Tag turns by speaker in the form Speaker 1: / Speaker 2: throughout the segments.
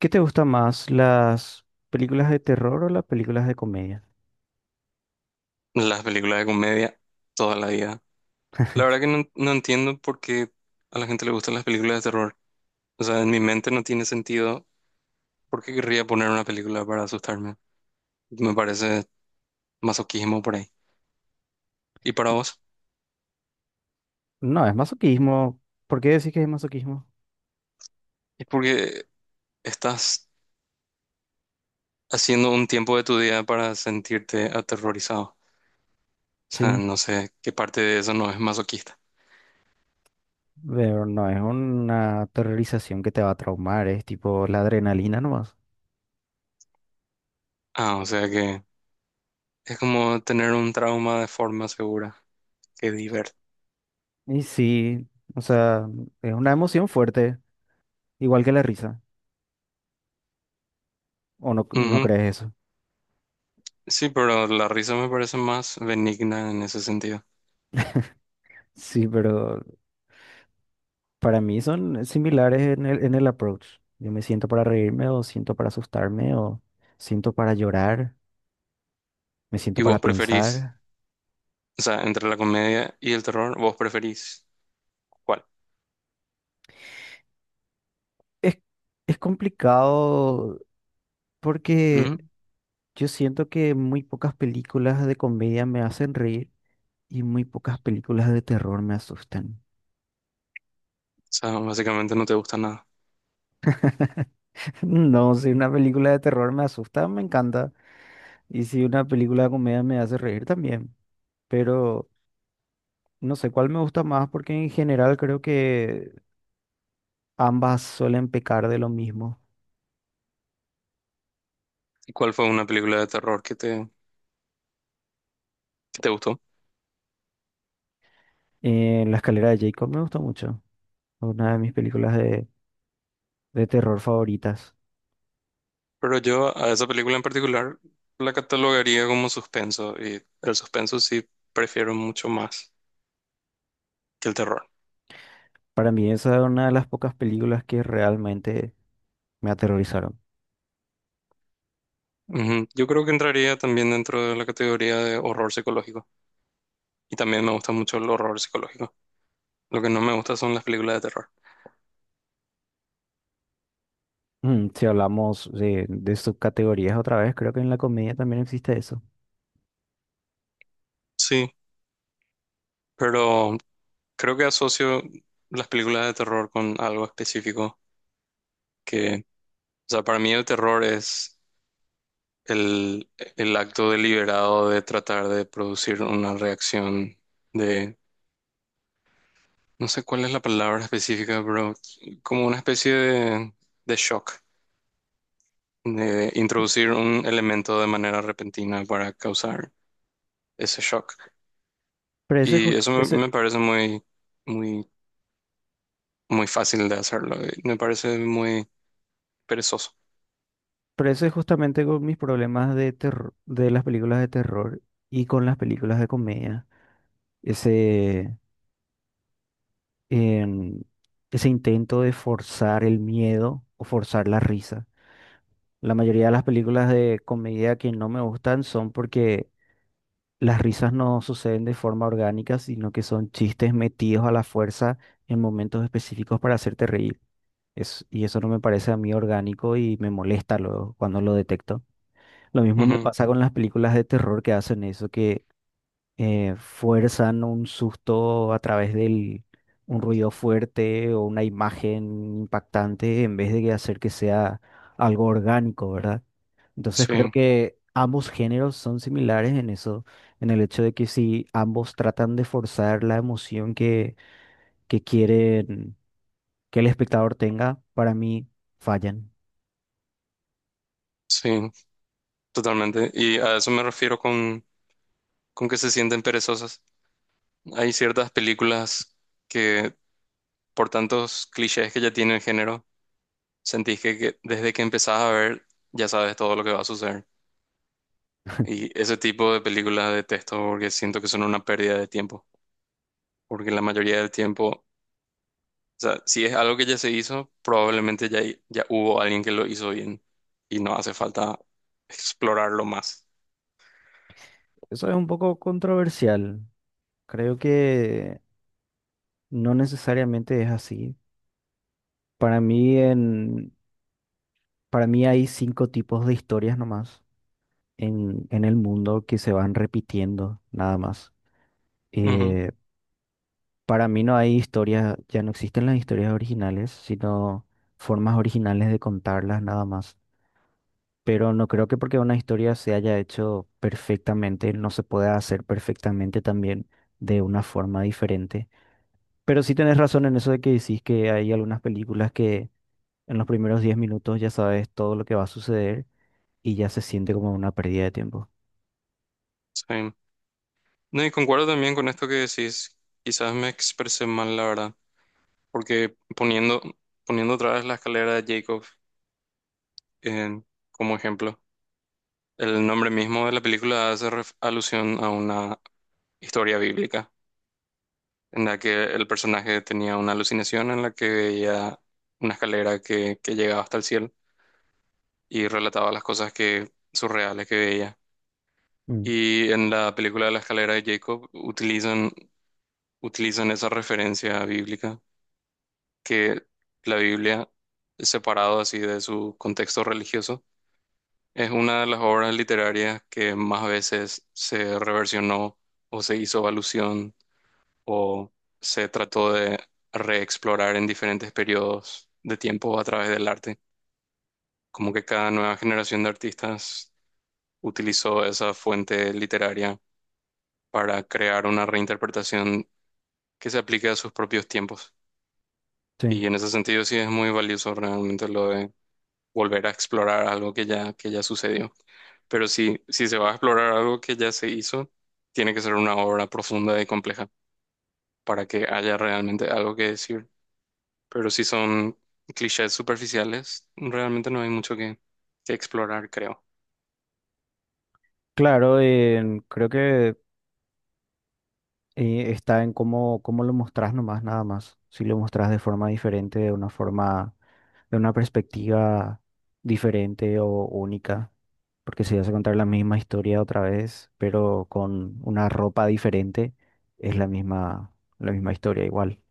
Speaker 1: ¿Qué te gusta más, las películas de terror o las películas de comedia?
Speaker 2: Las películas de comedia toda la vida. La verdad que no, no entiendo por qué a la gente le gustan las películas de terror. O sea, en mi mente no tiene sentido por qué querría poner una película para asustarme. Me parece masoquismo por ahí. ¿Y para vos?
Speaker 1: No, es masoquismo. ¿Por qué decís que es masoquismo?
Speaker 2: Es porque estás haciendo un tiempo de tu día para sentirte aterrorizado. O sea,
Speaker 1: Sí,
Speaker 2: no sé qué parte de eso no es masoquista.
Speaker 1: pero no es una terrorización que te va a traumar, es tipo la adrenalina nomás.
Speaker 2: Ah, o sea que es como tener un trauma de forma segura. Qué divertido.
Speaker 1: Y sí, o sea, es una emoción fuerte, igual que la risa. ¿O no crees eso?
Speaker 2: Sí, pero la risa me parece más benigna en ese sentido.
Speaker 1: Sí, pero para mí son similares en el approach. Yo me siento para reírme o siento para asustarme o siento para llorar, me siento
Speaker 2: ¿Y
Speaker 1: para
Speaker 2: vos preferís,
Speaker 1: pensar.
Speaker 2: o sea, entre la comedia y el terror, vos preferís cuál?
Speaker 1: Es, es complicado
Speaker 2: ¿Mm?
Speaker 1: porque
Speaker 2: O
Speaker 1: yo siento que muy pocas películas de comedia me hacen reír y muy pocas películas de terror me asustan.
Speaker 2: sea, básicamente no te gusta nada.
Speaker 1: No, si una película de terror me asusta, me encanta. Y si una película de comedia me hace reír también. Pero no sé cuál me gusta más porque en general creo que ambas suelen pecar de lo mismo.
Speaker 2: ¿Y cuál fue una película de terror que te gustó?
Speaker 1: En La escalera de Jacob me gusta mucho. Una de mis películas de terror favoritas.
Speaker 2: Pero yo a esa película en particular la catalogaría como suspenso y el suspenso sí prefiero mucho más que el terror.
Speaker 1: Para mí esa es una de las pocas películas que realmente me aterrorizaron.
Speaker 2: Ujú. Yo creo que entraría también dentro de la categoría de horror psicológico y también me gusta mucho el horror psicológico. Lo que no me gusta son las películas de terror.
Speaker 1: Mm, si hablamos de subcategorías otra vez, creo que en la comedia también existe eso.
Speaker 2: Sí. Pero creo que asocio las películas de terror con algo específico, que, o sea, para mí el terror es el, el acto deliberado de tratar de producir una reacción de, no sé cuál es la palabra específica, pero como una especie de, shock, de introducir un elemento de manera repentina para causar ese shock.
Speaker 1: Pero ese,
Speaker 2: Y
Speaker 1: jus-
Speaker 2: eso
Speaker 1: ese,
Speaker 2: me parece muy, muy, muy fácil de hacerlo, y me parece muy perezoso.
Speaker 1: pero ese es justamente con mis problemas de terror, de las películas de terror y con las películas de comedia. Ese, em, Ese intento de forzar el miedo o forzar la risa. La mayoría de las películas de comedia que no me gustan son porque las risas no suceden de forma orgánica, sino que son chistes metidos a la fuerza en momentos específicos para hacerte reír. Y eso no me parece a mí orgánico y me molesta luego cuando lo detecto. Lo mismo me pasa con las películas de terror que hacen eso, que fuerzan un susto a través del un ruido fuerte o una imagen impactante en vez de que hacer que sea algo orgánico, ¿verdad? Entonces creo
Speaker 2: Sí,
Speaker 1: que ambos géneros son similares en eso, en el hecho de que si ambos tratan de forzar la emoción que quieren que el espectador tenga, para mí fallan.
Speaker 2: sí, totalmente. Y a eso me refiero con, que se sienten perezosas. Hay ciertas películas que, por tantos clichés que ya tiene el género, sentís que desde que empezás a ver ya sabes todo lo que va a suceder. Y ese tipo de películas detesto porque siento que son una pérdida de tiempo. Porque la mayoría del tiempo, o sea, si es algo que ya se hizo, probablemente ya, ya hubo alguien que lo hizo bien y no hace falta explorarlo más.
Speaker 1: Eso es un poco controversial. Creo que no necesariamente es así. Para mí, en, para mí hay cinco tipos de historias nomás en el mundo que se van repitiendo, nada más.
Speaker 2: Ujú,
Speaker 1: Eh, Para mí no hay historias, ya no existen las historias originales, sino formas originales de contarlas nada más. Pero no creo que porque una historia se haya hecho perfectamente, no se pueda hacer perfectamente también de una forma diferente. Pero sí tenés razón en eso de que decís que hay algunas películas que en los primeros 10 minutos ya sabes todo lo que va a suceder y ya se siente como una pérdida de tiempo.
Speaker 2: sí. No, y concuerdo también con esto que decís. Quizás me expresé mal, la verdad, porque poniendo otra vez la escalera de Jacob como ejemplo, el nombre mismo de la película hace alusión a una historia bíblica, en la que el personaje tenía una alucinación en la que veía una escalera que llegaba hasta el cielo y relataba las cosas que surreales que veía.
Speaker 1: Mm,
Speaker 2: Y en la película de la escalera de Jacob utilizan esa referencia bíblica, que la Biblia, separado así de su contexto religioso, es una de las obras literarias que más veces se reversionó o se hizo alusión o se trató de reexplorar en diferentes periodos de tiempo a través del arte. Como que cada nueva generación de artistas utilizó esa fuente literaria para crear una reinterpretación que se aplique a sus propios tiempos.
Speaker 1: sí.
Speaker 2: Y en ese sentido sí es muy valioso realmente lo de volver a explorar algo que ya sucedió. Pero si se va a explorar algo que ya se hizo, tiene que ser una obra profunda y compleja para que haya realmente algo que decir. Pero si son clichés superficiales, realmente no hay mucho que explorar, creo.
Speaker 1: Claro, creo que está en cómo lo mostrás nomás, nada más. Si lo mostrás de forma diferente, de una perspectiva diferente o única. Porque si vas a contar la misma historia otra vez, pero con una ropa diferente, es la misma historia igual.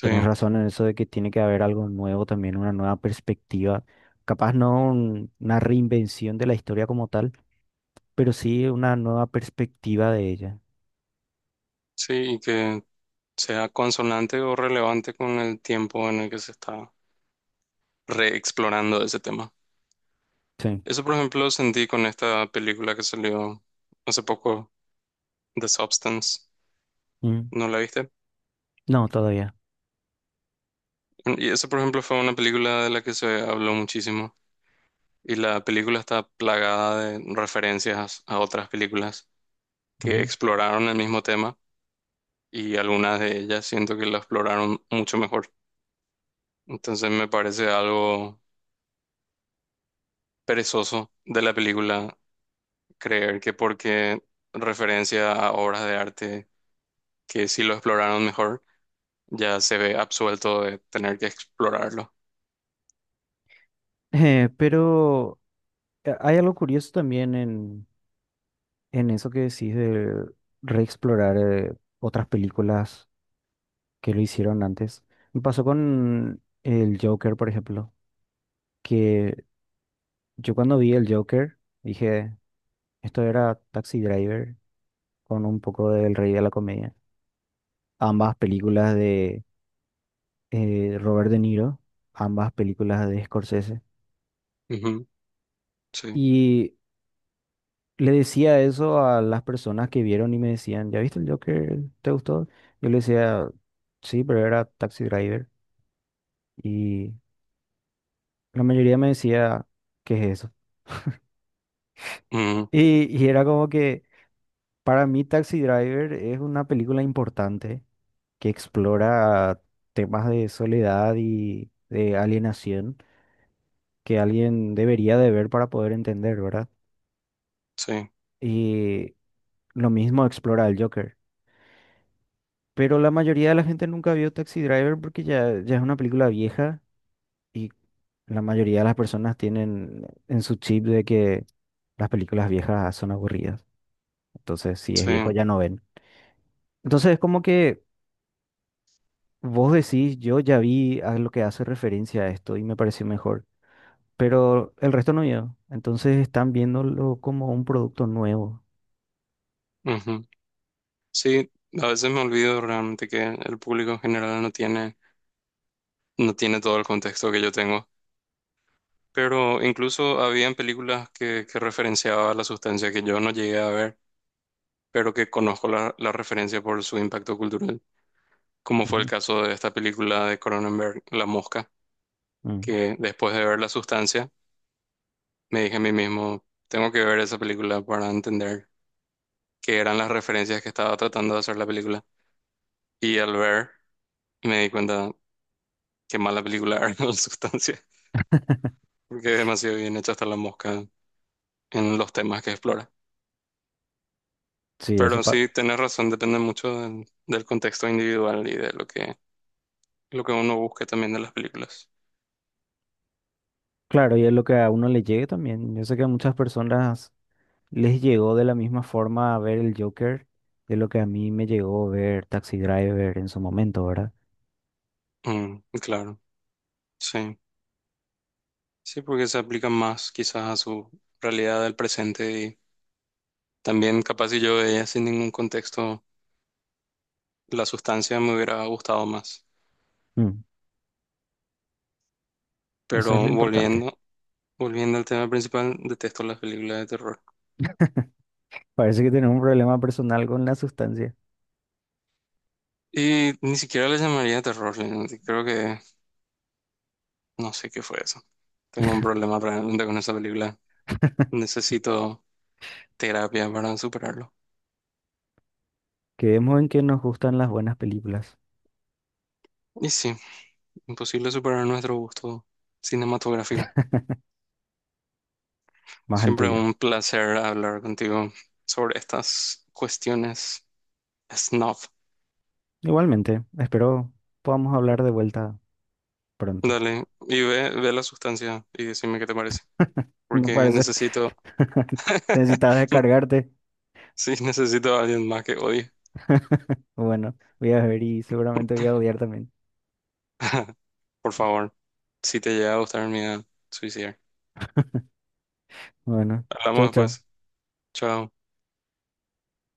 Speaker 1: Tenés razón en eso de que tiene que haber algo nuevo también, una nueva perspectiva. Capaz no un- una reinvención de la historia como tal, pero sí una nueva perspectiva de ella.
Speaker 2: sí, y que sea consonante o relevante con el tiempo en el que se está reexplorando ese tema.
Speaker 1: Sí.
Speaker 2: Eso, por ejemplo, lo sentí con esta película que salió hace poco, The Substance.
Speaker 1: Mm.
Speaker 2: ¿No la viste?
Speaker 1: No, todavía.
Speaker 2: Y eso, por ejemplo, fue una película de la que se habló muchísimo. Y la película está plagada de referencias a otras películas que
Speaker 1: Ujú.
Speaker 2: exploraron el mismo tema y algunas de ellas siento que la exploraron mucho mejor. Entonces me parece algo perezoso de la película creer que porque referencia a obras de arte que sí lo exploraron mejor ya se ve absuelto de tener que explorarlo.
Speaker 1: Pero hay algo curioso también en eso que decís de reexplorar otras películas que lo hicieron antes. Me pasó con el Joker, por ejemplo, que yo cuando vi el Joker dije, esto era Taxi Driver con un poco del Rey de la Comedia. Ambas películas de Robert De Niro, ambas películas de Scorsese.
Speaker 2: Ujú, sí,
Speaker 1: Y le decía eso a las personas que vieron y me decían, ¿ya viste el Joker? ¿Te gustó? Yo le decía, sí, pero era Taxi Driver. Y la mayoría me decía, ¿qué es eso?
Speaker 2: ujú,
Speaker 1: Y era como que para mí Taxi Driver es una película importante que explora temas de soledad y de alienación que alguien debería de ver para poder entender, ¿verdad?
Speaker 2: sí,
Speaker 1: Y lo mismo explora el Joker. Pero la mayoría de la gente nunca vio Taxi Driver porque ya es una película vieja y la mayoría de las personas tienen en su chip de que las películas viejas son aburridas. Entonces, si es
Speaker 2: sí,
Speaker 1: viejo, ya no ven. Entonces, es como que vos decís, yo ya vi a lo que hace referencia a esto y me pareció mejor, pero el resto no vio. Entonces, están viéndolo como un producto nuevo.
Speaker 2: ujú. Sí, a veces me olvido realmente que el público en general no tiene todo el contexto que yo tengo. Pero incluso habían películas que referenciaba la sustancia que yo no llegué a ver, pero que conozco la referencia por su impacto cultural, como fue el
Speaker 1: Ujú.
Speaker 2: caso de esta película de Cronenberg, La Mosca,
Speaker 1: Mm.
Speaker 2: que después de ver la sustancia, me dije a mí mismo, tengo que ver esa película para entender que eran las referencias que estaba tratando de hacer la película. Y al ver, me di cuenta qué mala película era en sustancia, porque es demasiado bien hecha hasta la mosca en los temas que explora.
Speaker 1: Sí,
Speaker 2: Pero sí, tenés razón, depende mucho del contexto individual y de lo que uno busque también de las películas.
Speaker 1: claro, y es lo que a uno le llegue también. Yo sé que a muchas personas les llegó de la misma forma a ver el Joker de lo que a mí me llegó a ver Taxi Driver en su momento, ¿verdad?
Speaker 2: Mm, claro, sí. Sí, porque se aplica más quizás a su realidad del presente y también capaz si yo veía sin ningún contexto la sustancia me hubiera gustado más.
Speaker 1: Mm, eso es lo
Speaker 2: Pero
Speaker 1: importante.
Speaker 2: volviendo Volviendo al tema principal, detesto las películas de terror.
Speaker 1: Parece que tenemos un problema personal con la sustancia.
Speaker 2: Y ni siquiera les llamaría terror, realmente. Creo que no sé qué fue eso. Tengo un problema realmente con esa película. Necesito terapia para superarlo.
Speaker 1: Quedemos en que nos gustan las buenas películas,
Speaker 2: Y sí, imposible superar nuestro gusto cinematográfico.
Speaker 1: más el
Speaker 2: Siempre
Speaker 1: tuyo.
Speaker 2: un placer hablar contigo sobre estas cuestiones snuff.
Speaker 1: Igualmente, espero podamos hablar de vuelta pronto.
Speaker 2: Dale, y ve la sustancia y decime qué te parece.
Speaker 1: Me
Speaker 2: Porque
Speaker 1: parece.
Speaker 2: necesito,
Speaker 1: Necesitabas descargarte.
Speaker 2: sí, necesito a alguien más que odie.
Speaker 1: Bueno, voy a ver y seguramente voy a odiar también.
Speaker 2: Por favor, si te llega a gustar mi idea, suicidar.
Speaker 1: Bueno,
Speaker 2: Hablamos
Speaker 1: chao,
Speaker 2: después.
Speaker 1: chao.
Speaker 2: Chao.